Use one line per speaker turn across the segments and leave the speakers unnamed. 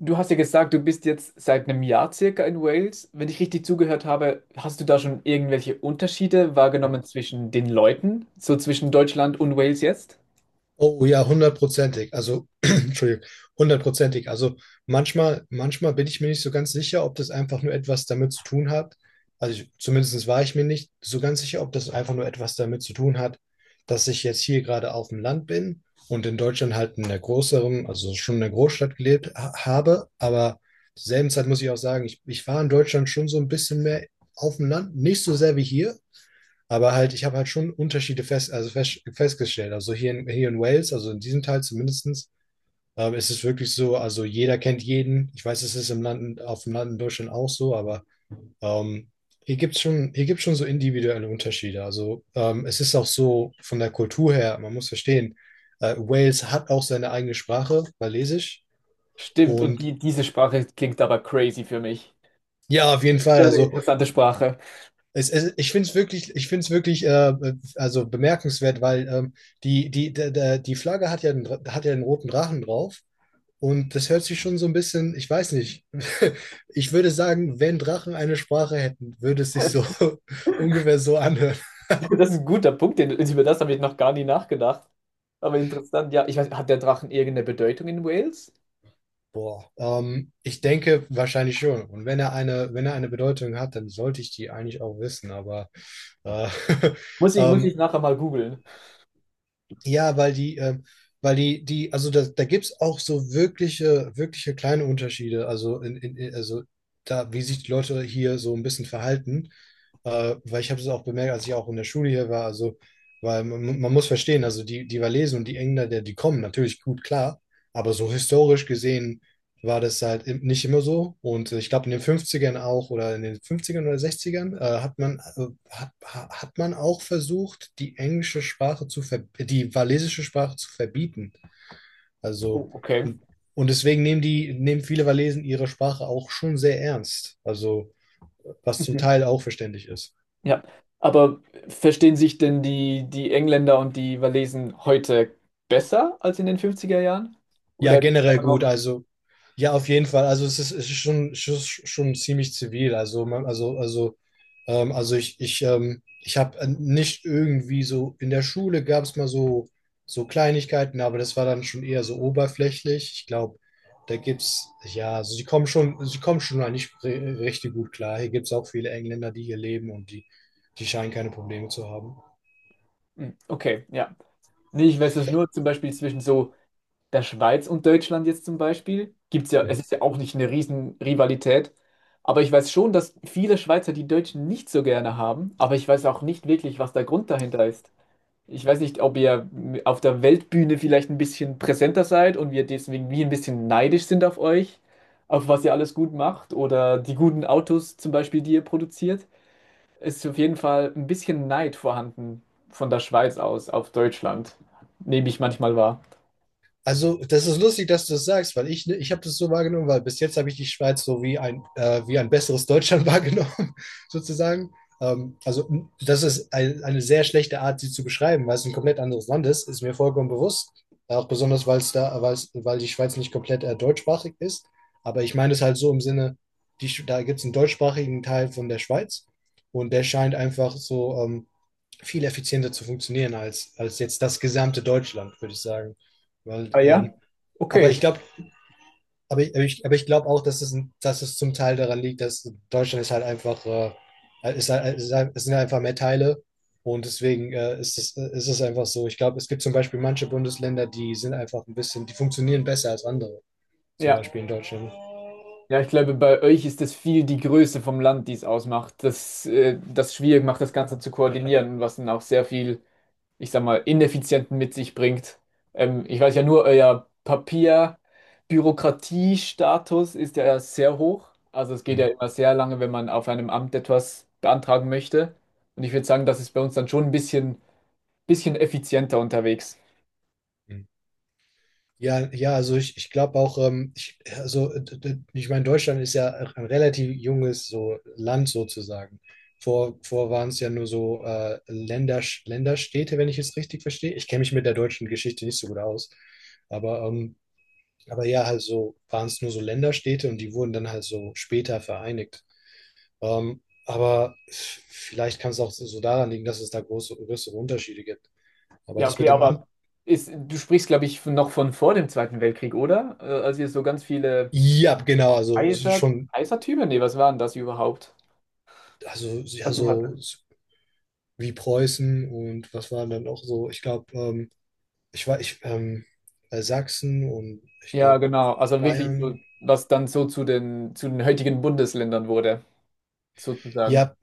Du hast ja gesagt, du bist jetzt seit einem Jahr circa in Wales. Wenn ich richtig zugehört habe, hast du da schon irgendwelche Unterschiede wahrgenommen zwischen den Leuten, so zwischen Deutschland und Wales jetzt?
Oh ja, hundertprozentig. Also, Entschuldigung, hundertprozentig. Also manchmal bin ich mir nicht so ganz sicher, ob das einfach nur etwas damit zu tun hat. Zumindest war ich mir nicht so ganz sicher, ob das einfach nur etwas damit zu tun hat, dass ich jetzt hier gerade auf dem Land bin und in Deutschland halt in einer größeren, also schon in einer Großstadt gelebt ha habe. Aber zur selben Zeit muss ich auch sagen, ich war in Deutschland schon so ein bisschen mehr auf dem Land, nicht so sehr wie hier. Aber halt, ich habe halt schon Unterschiede festgestellt. Also hier in Wales, also in diesem Teil zumindestens, ist es wirklich so, also jeder kennt jeden. Ich weiß, es ist im Land, auf dem Land in Deutschland auch so, aber ähm, hier gibt's schon so individuelle Unterschiede. Also es ist auch so von der Kultur her, man muss verstehen, Wales hat auch seine eigene Sprache, Walisisch.
Stimmt, und
Und
diese Sprache klingt aber crazy für mich.
ja, auf jeden Fall.
Sehr eine interessante Sprache.
Ich finde es wirklich, ich finde es wirklich also bemerkenswert, weil die Flagge hat ja einen roten Drachen drauf, und das hört sich schon so ein bisschen, ich weiß nicht, ich würde sagen, wenn Drachen eine Sprache hätten, würde es sich so ungefähr so anhören.
Das ist ein guter Punkt, über das habe ich noch gar nie nachgedacht. Aber interessant, ja, ich weiß, hat der Drachen irgendeine Bedeutung in Wales?
Boah, ich denke wahrscheinlich schon. Und wenn er eine Bedeutung hat, dann sollte ich die eigentlich auch wissen, aber äh,
Muss ich
ähm,
nachher mal googeln.
ja, weil die, die, also da, da gibt es auch so wirkliche, wirkliche kleine Unterschiede. Also da, wie sich die Leute hier so ein bisschen verhalten. Weil ich habe es auch bemerkt, als ich auch in der Schule hier war. Also, weil man muss verstehen, also die Walesen und die Engländer, die kommen natürlich gut klar, aber so historisch gesehen war das halt nicht immer so. Und ich glaube, in den Fünfzigern auch oder in den Fünfzigern oder Sechzigern hat man auch versucht, die walisische Sprache zu verbieten. Also,
Oh, okay.
und, und deswegen nehmen viele Walesen ihre Sprache auch schon sehr ernst. Also, was zum Teil auch verständlich ist.
Ja, aber verstehen sich denn die Engländer und die Walesen heute besser als in den fünfziger Jahren?
Ja,
Oder gibt's
generell
da
gut.
noch?
Also, ja, auf jeden Fall. Also, es ist schon ziemlich zivil. Also, man, also ich, ich habe nicht irgendwie so, in der Schule gab es mal so, Kleinigkeiten, aber das war dann schon eher so oberflächlich. Ich glaube, da gibt's, ja, also sie kommen schon mal nicht richtig gut klar. Hier gibt es auch viele Engländer, die hier leben, und die scheinen keine Probleme zu haben.
Hm, okay, ja. Nee, ich weiß es nur zum Beispiel zwischen so der Schweiz und Deutschland jetzt zum Beispiel. Gibt's ja,
Da,
es ist ja auch nicht eine riesen Rivalität. Aber ich weiß schon, dass viele Schweizer die Deutschen nicht so gerne haben. Aber ich weiß auch nicht wirklich, was der Grund dahinter ist. Ich weiß nicht, ob ihr auf der Weltbühne vielleicht ein bisschen präsenter seid und wir deswegen wie ein bisschen neidisch sind auf euch, auf was ihr alles gut macht oder die guten Autos zum Beispiel, die ihr produziert. Es ist auf jeden Fall ein bisschen Neid vorhanden von der Schweiz aus auf Deutschland, nehme ich manchmal wahr.
Also, das ist lustig, dass du es sagst, weil ich habe das so wahrgenommen, weil bis jetzt habe ich die Schweiz so wie ein besseres Deutschland wahrgenommen, sozusagen. Also, eine sehr schlechte Art, sie zu beschreiben, weil es ein komplett anderes Land ist, ist mir vollkommen bewusst. Auch besonders, weil es da, weil's, weil die Schweiz nicht komplett deutschsprachig ist. Aber ich meine es halt so im Sinne, da gibt es einen deutschsprachigen Teil von der Schweiz, und der scheint einfach so viel effizienter zu funktionieren als jetzt das gesamte Deutschland, würde ich sagen. Weil,
Ah ja,
ähm, aber
okay.
ich glaube, aber ich, aber ich, aber ich glaube auch, dass es, zum Teil daran liegt, dass Deutschland ist halt einfach Es sind halt einfach mehr Teile, und deswegen ist es einfach so. Ich glaube, es gibt zum Beispiel manche Bundesländer, die sind einfach ein bisschen, die funktionieren besser als andere, zum
Ja,
Beispiel in Deutschland.
ja, ich glaube, bei euch ist es viel die Größe vom Land, die es ausmacht. Das, das schwierig macht, das Ganze zu koordinieren, was dann auch sehr viel, ich sag mal, Ineffizienten mit sich bringt. Ich weiß ja nur, euer Papierbürokratiestatus ist ja sehr hoch. Also es geht
Mhm.
ja immer sehr lange, wenn man auf einem Amt etwas beantragen möchte. Und ich würde sagen, das ist bei uns dann schon ein bisschen effizienter unterwegs.
Mhm. Ja, ja, also ich glaube auch, ich meine, Deutschland ist ja ein relativ junges so Land sozusagen. Vor waren es ja nur so Länder, Länderstädte, wenn ich es richtig verstehe. Ich kenne mich mit der deutschen Geschichte nicht so gut aus, aber, ähm, aber ja, halt so waren es nur so Länderstädte, und die wurden dann halt so später vereinigt. Ähm, aber vielleicht kann es auch so daran liegen, dass es da große, größere Unterschiede gibt. Aber
Ja,
das
okay,
mit dem Amt,
du sprichst, glaube ich, noch von vor dem Zweiten Weltkrieg, oder? Als ihr so ganz viele
ja, genau, also
Kaiser,
schon,
Kaisertümer? Nee, was waren das überhaupt?
also ja, so wie Preußen. Und was waren dann auch so, ich glaube, ich war, ich, ähm, Sachsen und ich
Ja,
glaube
genau. Also wirklich
Bayern.
so, was dann so zu den heutigen Bundesländern wurde, sozusagen.
Ja,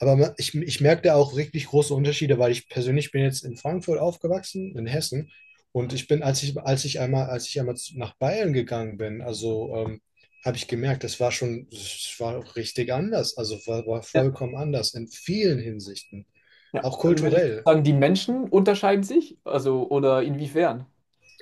aber ich merke da auch richtig große Unterschiede, weil ich persönlich bin jetzt in Frankfurt aufgewachsen, in Hessen. Und ich bin, als ich einmal zu- nach Bayern gegangen bin, also habe ich gemerkt, das war auch richtig anders. Also war
Ja.
vollkommen anders in vielen Hinsichten.
Ja.
Auch
Also würdest du
kulturell.
sagen, die Menschen unterscheiden sich? Also, oder inwiefern?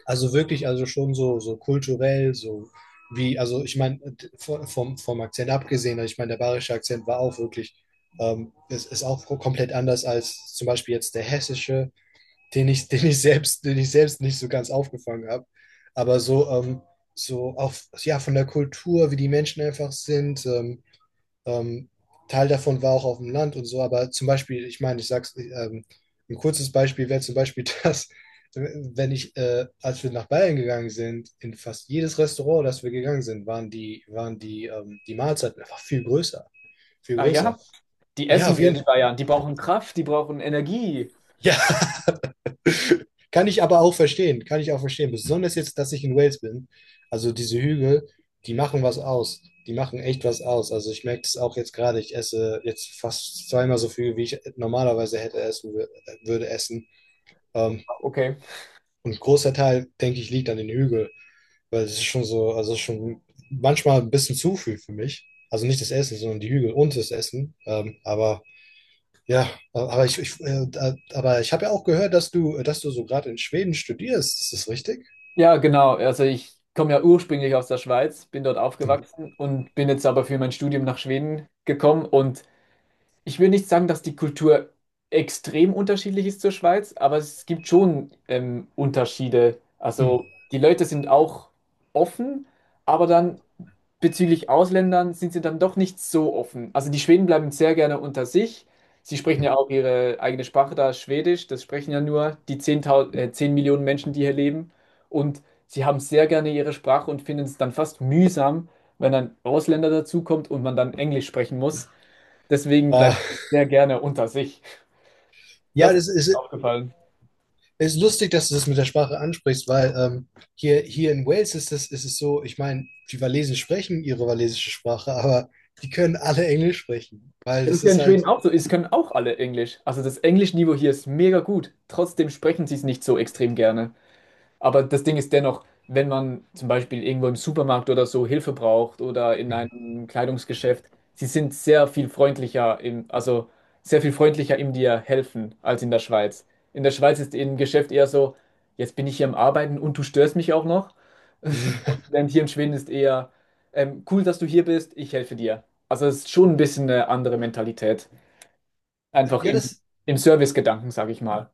Also wirklich, also schon so, kulturell, so wie, also ich meine, vom Akzent abgesehen, also ich meine, der bayerische Akzent war auch wirklich, es ist auch komplett anders als zum Beispiel jetzt der hessische, den ich selbst nicht so ganz aufgefangen habe. Aber so, so auch, ja, von der Kultur, wie die Menschen einfach sind. Ähm, Teil davon war auch auf dem Land und so, aber zum Beispiel, ich meine, ich sag's, ein kurzes Beispiel wäre zum Beispiel das, wenn als wir nach Bayern gegangen sind, in fast jedes Restaurant, das wir gegangen sind, die Mahlzeiten einfach viel größer, viel
Ah
größer.
ja, die
Ja,
essen
auf
mehr,
jeden
die
Fall.
Bayern. Die brauchen Kraft, die brauchen Energie.
Ja, kann ich aber auch verstehen, kann ich auch verstehen. Besonders jetzt, dass ich in Wales bin. Also diese Hügel, die machen was aus. Die machen echt was aus. Also ich merke das auch jetzt gerade. Ich esse jetzt fast zweimal so viel, wie ich normalerweise hätte essen würde essen. Ähm,
Okay.
und ein großer Teil, denke ich, liegt an den Hügeln, weil es ist schon so, also es ist schon manchmal ein bisschen zu viel für mich. Also nicht das Essen, sondern die Hügel und das Essen. Aber ja, aber ich habe ja auch gehört, dass du so gerade in Schweden studierst. Ist das richtig?
Ja, genau. Also ich komme ja ursprünglich aus der Schweiz, bin dort
Mhm.
aufgewachsen und bin jetzt aber für mein Studium nach Schweden gekommen. Und ich will nicht sagen, dass die Kultur extrem unterschiedlich ist zur Schweiz, aber es gibt schon Unterschiede.
Mhm.
Also die Leute sind auch offen, aber dann bezüglich Ausländern sind sie dann doch nicht so offen. Also die Schweden bleiben sehr gerne unter sich. Sie sprechen ja auch ihre eigene Sprache da, Schwedisch. Das sprechen ja nur die 10 Millionen Menschen, die hier leben. Und sie haben sehr gerne ihre Sprache und finden es dann fast mühsam, wenn ein Ausländer dazukommt und man dann Englisch sprechen muss. Deswegen bleibt
Ah,
sie sehr gerne unter sich.
ja,
Das ist
das
mir
ist,
aufgefallen.
ist lustig, dass du das mit der Sprache ansprichst, weil hier in Wales ist es so, ich meine, die Walesen sprechen ihre walisische Sprache, aber die können alle Englisch sprechen, weil
Wenn es
das
ja
ist
in Schweden
halt.
auch so ist, können auch alle Englisch. Also das Englischniveau hier ist mega gut. Trotzdem sprechen sie es nicht so extrem gerne. Aber das Ding ist dennoch, wenn man zum Beispiel irgendwo im Supermarkt oder so Hilfe braucht oder in
Mhm.
einem Kleidungsgeschäft, sie sind sehr viel freundlicher im, sehr viel freundlicher im dir helfen als in der Schweiz. In der Schweiz ist im Geschäft eher so, jetzt bin ich hier am Arbeiten und du störst mich auch noch. Denn hier in Schweden ist eher cool, dass du hier bist, ich helfe dir. Also es ist schon ein bisschen eine andere Mentalität. Einfach
Ja,
im,
das,
im Service-Gedanken, sage ich mal.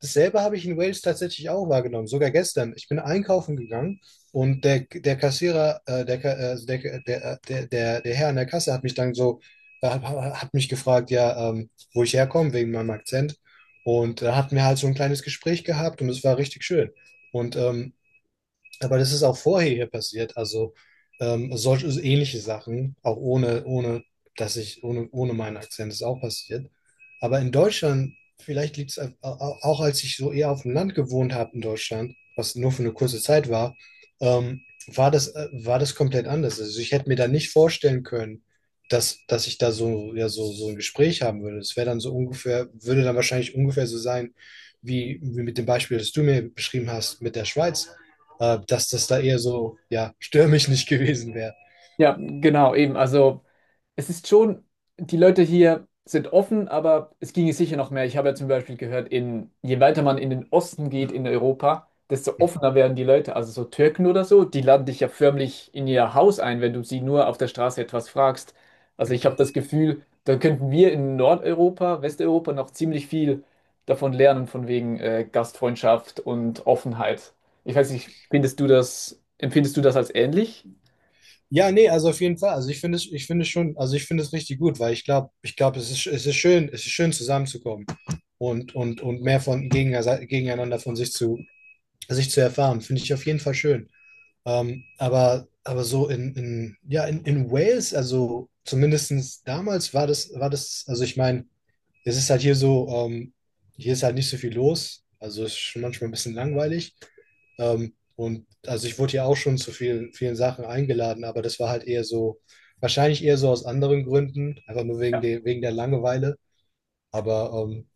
Dasselbe habe ich in Wales tatsächlich auch wahrgenommen, sogar gestern. Ich bin einkaufen gegangen, und der, der, der, der, Herr an der Kasse hat mich dann so, hat mich gefragt, ja, wo ich herkomme, wegen meinem Akzent. Und da hatten wir halt so ein kleines Gespräch gehabt, und es war richtig schön. Und aber das ist auch vorher hier passiert. Also solche, also ähnliche Sachen, auch ohne, ohne, dass ich, ohne, ohne meinen Akzent ist auch passiert. Aber in Deutschland, vielleicht liegt es auch, als ich so eher auf dem Land gewohnt habe in Deutschland, was nur für eine kurze Zeit war, ähm, war war das komplett anders. Also ich hätte mir da nicht vorstellen können, dass ich da so, ja, so ein Gespräch haben würde. Das wäre dann so ungefähr, würde dann wahrscheinlich ungefähr so sein, wie, wie mit dem Beispiel, das du mir beschrieben hast, mit der Schweiz, dass das da eher so, ja, stör mich nicht gewesen wäre.
Ja, genau, eben. Es ist schon, die Leute hier sind offen, aber es ginge sicher noch mehr. Ich habe ja zum Beispiel gehört, in, je weiter man in den Osten geht in Europa, desto offener werden die Leute. Also so Türken oder so, die laden dich ja förmlich in ihr Haus ein, wenn du sie nur auf der Straße etwas fragst. Also ich habe das Gefühl, da könnten wir in Nordeuropa, Westeuropa noch ziemlich viel davon lernen, von wegen Gastfreundschaft und Offenheit. Ich weiß nicht, findest du das, empfindest du das als ähnlich?
Ja, nee, also auf jeden Fall. Also ich finde es richtig gut, weil ich glaube, es ist, es ist schön zusammenzukommen, und mehr von gegeneinander sich zu erfahren. Finde ich auf jeden Fall schön. Aber, so in Wales, also zumindest damals also ich meine, es ist halt hier so, hier ist halt nicht so viel los. Also es ist schon manchmal ein bisschen langweilig. Und also ich wurde ja auch schon zu vielen, vielen Sachen eingeladen, aber das war halt eher so, wahrscheinlich eher so aus anderen Gründen, einfach nur wegen der Langeweile. Aber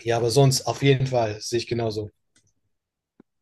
ja, aber sonst auf jeden Fall sehe ich genauso.